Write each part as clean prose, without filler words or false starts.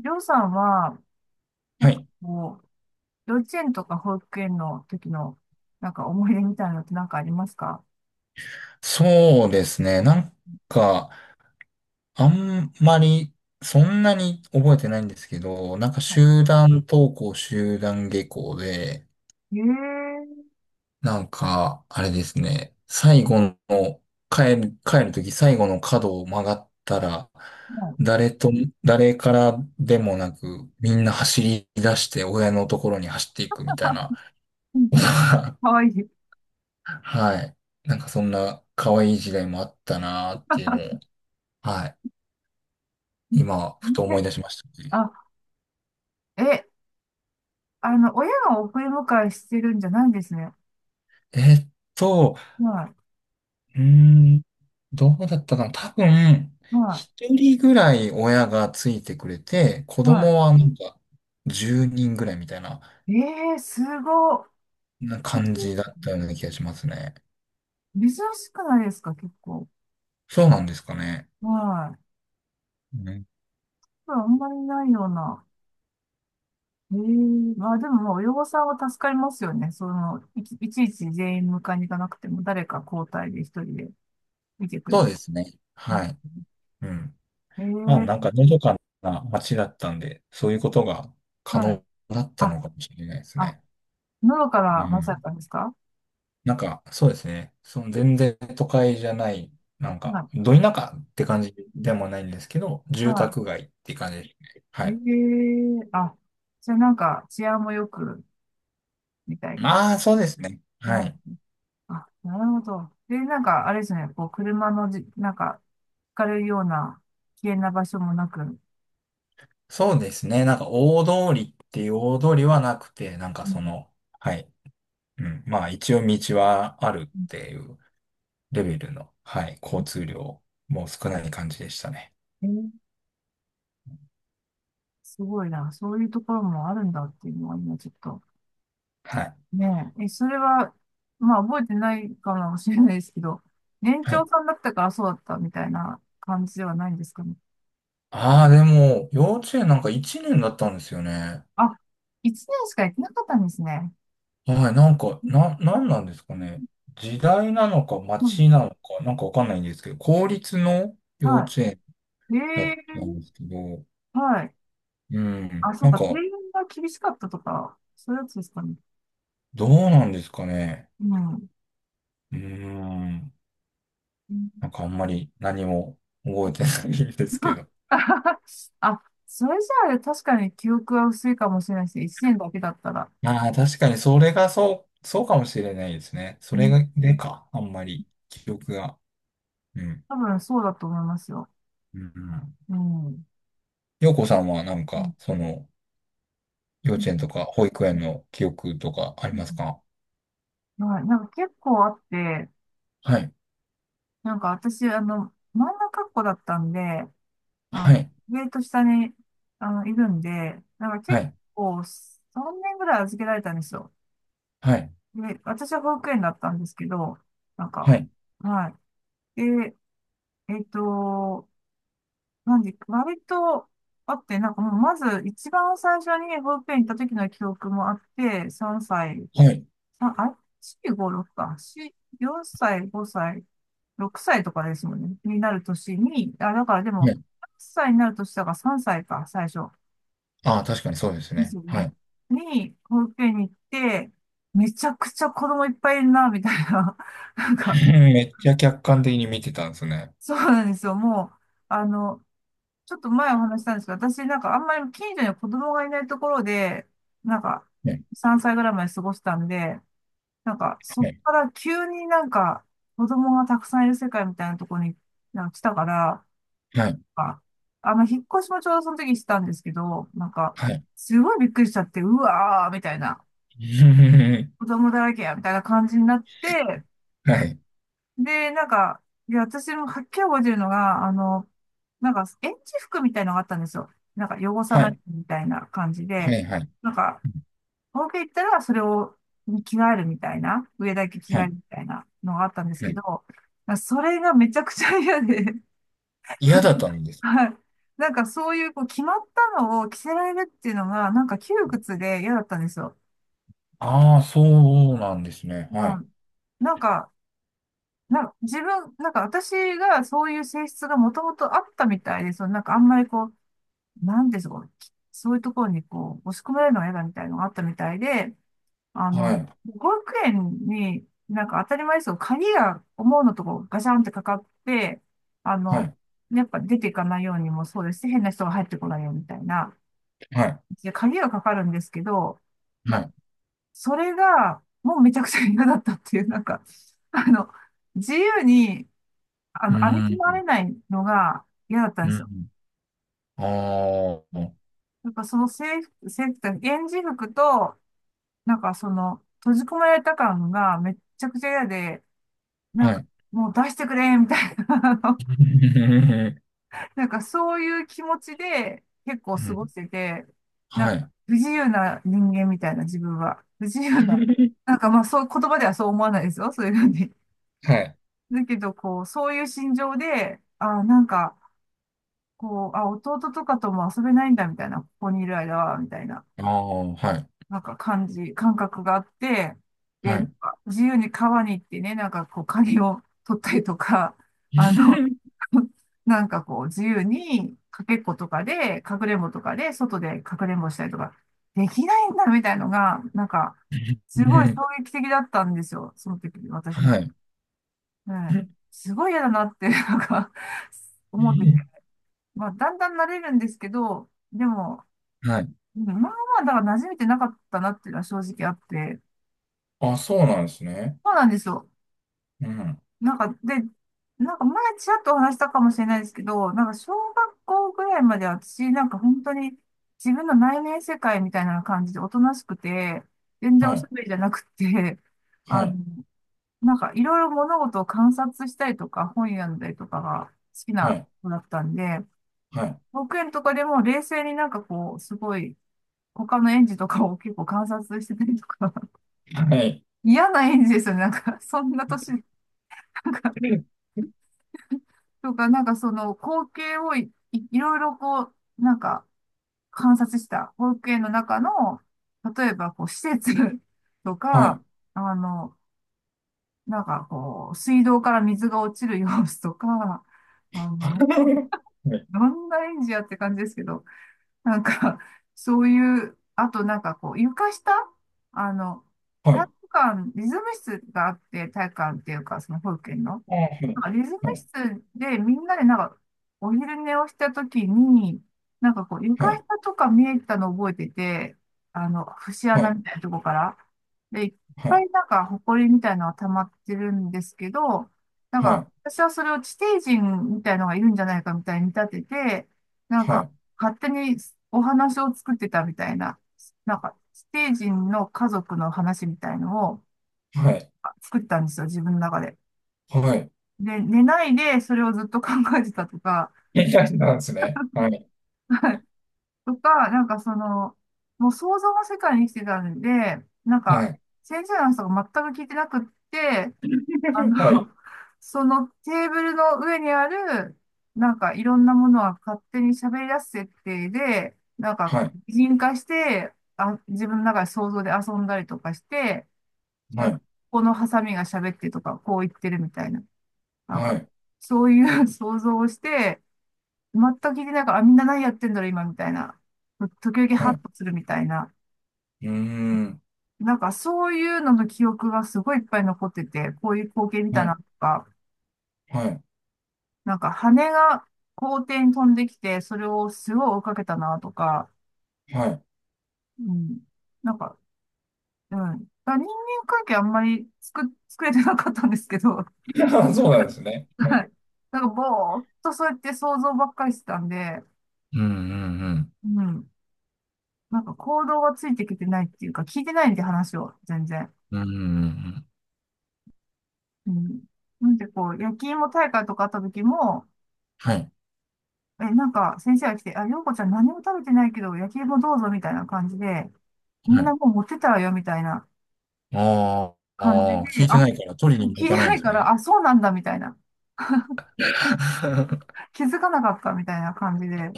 りょうさんは、なはんかい。こ幼稚園とか保育園の時の、なんか思い出みたいなのってなんかありますか？そうですね。なんか、あんまり、そんなに覚えてないんですけど、なんか集団登校、集団下校で、ええー、なんか、あれですね。最後の、帰るとき最後の角を曲がったら、も誰と、誰からでもなく、みんな走り出して親のところに走っていくみたいなう ことが、かわいい。はい。なんかそんな可愛い時代もあったなーっていうのを、はい。今、ふと思い出しましたね。あ、え、あの、親が送り迎えしてるんじゃないんですね。えーっと、はうーん、どうだったかな。多分、い、は一人ぐらい親がついてくれて、子い、は供はなんか、10人ぐらいみたいな、い。ええー、すごっ。な感じだったような気がしますね。珍しくないですか、結構？そうなんですかね。はい。うん、これあんまりないような。ええ、まあでも、親御さんは助かりますよね。その、いちいち全員迎えに行かなくても、誰か交代で一人で見てくれそうる。ですね。うはん、い。うん。まあ、なんええ、か、のどかな街だったんで、そういうことが可はい。能だったあ、のかもしれないですあ、ね。のどかうなまさん。かですか？なんか、そうですね。その全然都会じゃない、なんはか、い。ど田舎って感じでもないんですけど、住は宅街って感じですね。はい。えい。え、あ、じゃあなんか治安も良く、みたいな。まあ、そうですね。うん。はい。あ、なるほど。で、なんか、あれですね、こう、車のじ、なんか、ひかれるような危険な場所もなく。うそうですね。なんか、大通りっていう大通りはなくて、なんかそん。の、はい。うん。まあ、一応道はあるっていうレベルの、はい。交通量も少ない感じでしたね。うん、すごいな。そういうところもあるんだっていうのは今ちょっと。はい。ねえ。え、それは、まあ覚えてないかもしれないですけど、年は長い。さんだったからそうだったみたいな感じではないんですかね。ああ、でも、幼稚園なんか1年だったんですよね。あ、1年しかやってなかったんですね。はい、なんか、なんなんですかね。時代なのかうん、街なのか、なんかわかんないんですけど、公立の幼稚園はい。だったんええ、ですけど、はい。うん、あ、そうなんか。定か、員が厳しかったとか、そういうやつですかね。どうなんですかね。うん。うん、うん、 なんかあんまり何も覚えてないんですけど。あ、それじゃあ確かに記憶は薄いかもしれないですね。1年だけだったら。ああ、確かにそれがそう、そうかもしれないですね。それがでか、あんまり記憶が。うん、多分そうだと思いますよ。うん。うん。うん、洋子さんはなんうん、か、その、幼稚園とか保育園の記憶とかありうますか？ん、はい。なんか結構あって、はい私、あの、真ん中っ子だったんで、はあ、い。上と下に、あの、いるんで、なんかは結い。構3年ぐらい預けられたんですよ。はい。で、私は保育園だったんですけど、なんはか、い。はい。で、えっと、なんで、割とあって、なんかもうまず一番最初に保育園行った時の記憶もあって、3歳、はい。あ、あれ？ 456 か。4、4歳、5歳、6歳とかですもんね。になる年に、あ、だからでも、はい。8歳になる年だから3歳か、最初。ああ、確かにそうですですね。よはね。い。に、保育園に行って、めちゃくちゃ子供いっぱいいるな、みたいな。なんか、めっちゃ客観的に見てたんですね。そうなんですよ。もう、あの、ちょっと前お話ししたんですけど、私なんかあんまり近所に子供がいないところで、なんか、はい。3歳ぐらいまで過ごしたんで、なんか、そっはい。から急に子供がたくさんいる世界みたいなところになんか来たから、はい。あ、あの、引っ越しもちょうどその時にしたんですけど、なんか、すごいびっくりしちゃって、うわーみたいな、子供だらけや、みたいな感じになって、はい。はい。で、なんか、で、私もはっきり覚えてるのが、あの、なんか、園児服みたいのがあったんですよ。なんか、汚さはないい。みたいな感じはで、い。はい。なんか、東京行ったらそれを着替えるみたいな、上だけ着は替えい。るみたいなのがあったんですはけいど、それがめちゃくちゃ嫌で、嫌だったんで す。はい。なんかそういうこう決まったのを着せられるっていうのが、なんか窮屈で嫌だったんですよ。ああ、そうなんですね。はまい。あ、なんか、自分、なんか私がそういう性質がもともとあったみたいで、そのなんかあんまりこう、なんでしょう、そういうところにこう、押し込められるのが嫌だみたいなのがあったみたいで、あの、はい。保育園に、なんか当たり前ですよ鍵が思うのとこガシャンってかかって、あはの、い。やっぱ出ていかないようにもそうですし、変な人が入ってこないようにみたいな。はい。で、鍵がかかるんですけど、なはんか、い。それが、もうめちゃくちゃ嫌だったっていう、なんか、あの、自由に、あうの、歩ーき回ん。れないのが嫌だったんうですよ。ん。ああ、やっぱその制服って、園児服と、なんかその、閉じ込められた感がめっちゃくちゃ嫌で、なはんか、い。もう出してくれ、みたいな、あの、 なんかそういう気持ちで結構う過んごしてて、なんはかい。不自由な人間みたいな自分は。不自由な。なんかまあそう、言葉ではそう思わないですよ、そういうふうに。はい。だけど、こう、そういう心情で、あ、なんか、こう、あ、弟とかとも遊べないんだ、みたいな、ここにいる間は、みたいな。ああ、はい。感覚があって、で、はなんい。か自由に川に行ってね、なんかこう、カニを取ったりとか、あの、なんかこう、自由にかけっことかで、かくれんぼとかで、外でかくれんぼしたりとか、できないんだみたいのが、なんか、すごい衝 撃的だったんですよ、その時、私に。はい。うん、すごい嫌だなって、なんか、思ってて。まあ、だんだん慣れるんですけど、でも、はい。うん、今まはだから馴染めてなかったなっていうのは正直あって、あ、そうなんですね。そうなんですよ。うん。なんか、で、なんか前ちらっとお話したかもしれないですけど、なんか小学校ぐらいまで私、なんか本当に自分の内面世界みたいな感じでおとなしくて、全然はおしゃい。べりじゃなくて、はあの、い。なんかいろいろ物事を観察したりとか、本読んだりとかが好きはない。子だったんで、はい。保育園とかでも冷静になんかこう、すごい、他の園児とかを結構観察してたりとか、はい。嫌な園児ですよね。なんか、そんな年とか、なんかその光景をいろいろこう、なんか観察した光景の中の、例えばこう施設 とはい。か、あの、なんかこう、水道から水が落ちる様子とか、あの、はい。どんな演じやって感じですけど、なんか、そういう、あとなんかこう、床下、あの、は体い。育館、リズム室があって、体育館っていうか、その保育園の。あはいはなんいかリズム室でみんなでなんかお昼寝をしたときに、なんかこうは床い下とか見えたのを覚えてて、あの、節穴みたいなとこから。で、いっはいはぱいいなんか埃みたいなのが溜まってるんですけど、なんはいはかい私はそれを地底人みたいのがいるんじゃないかみたいに見立てて、なんか勝手にお話を作ってたみたいな、なんか地底人の家族の話みたいのをはいあ作ったんですよ、自分の中で。はい。で、寝ないでそれをずっと考えてたとか、いい感じなんですね。はい。とか、なんかその、もう想像の世界に生きてたんで、なんはか、い。先生の話とか全く聞いてなくって、あの、はい。そのテーブルの上にある、なんかいろんなものは勝手に喋り出す設定で、なんかはこうい。擬人化して、あ、自分の中で想像で遊んだりとかして、なはんか、い。このハサミが喋ってとか、こう言ってるみたいな、なんはか、い。そういう 想像をして、全く聞いてないから、あみんな何やってんだろう、今、みたいな。時々はハッい。とするみたいな。うーん。なんか、そういうのの記憶がすごいいっぱい残ってて、こういう光景見たはない。とか、はい。なんか、羽が校庭に飛んできて、それをすごい追いかけたなとか、はい。うん。なんか、うん。だから人間関係あんまり作れてなかったんですけど、あそうなんですね。うはん。い。なんか、ぼーっとそうやって想像ばっかりしてたんで、うんうんうん。なんか行動がついてきてないっていうか、聞いてないんで話を、全然。うん。うんうんうん。うん。なんでこう、焼き芋大会とかあった時も、はい。え、なんか先生が来て、あ、ようこちゃん何も食べてないけど、焼き芋どうぞみたいな感じで、みはんない。もう持ってたわよみたいなあー感じあー、聞で、いてあ、ないから取り聞いにも行てかないなんいですから、ね。あ、そうなんだみたいな、気づかなかったみたいな感じで、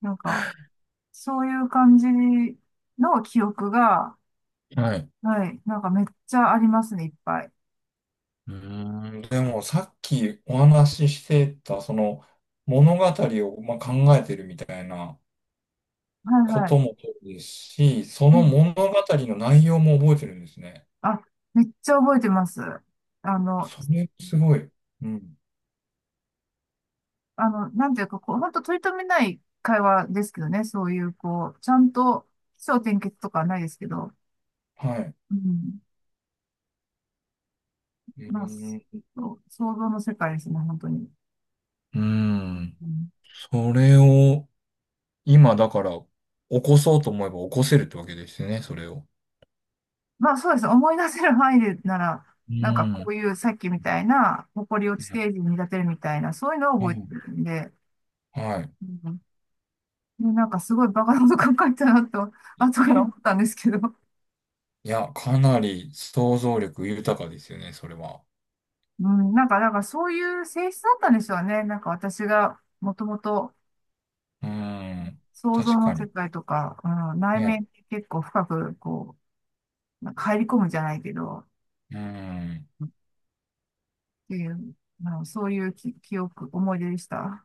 なんか、そういう感じの記憶が、はい。はい、なんかめっちゃありますね、いっぱい。うーん、でもさっきお話ししてた、その物語を、まあ、考えてるみたいなはこい、はとい。もそうですし、そうのん、物語の内容も覚えてるんですね。あ、めっちゃ覚えてます。あの、それすごい。うん。あの、なんていうか、こう、本当取り留めない会話ですけどね、そういう、こう、ちゃんと起承転結とかはないですけど、はい。ううん。ーまあ、そん。う想像の世界ですね、本当に。うーうん。ん、それを今だから起こそうと思えば起こせるってわけですね、それを。まあ、そうです。思い出せる範囲でなら、うなんかこん。ういうさっきみたいな、埃を地底う人に見立てるみたいな、そういうのを覚えてんるんで、はい。うん、で、なんかすごいバカなこと考えたなと、後から思 ったんですけど、いや、かなり想像力豊かですよね、それは。うん、なんか、なんかそういう性質だったんでしょうね。なんか私がもともと、うーん。想像確のか世に。界とか、うん、内面ね。に結構深く、こう、なんか入り込むじゃないけど、うーん。っていう、あのそういう記憶、思い出でした。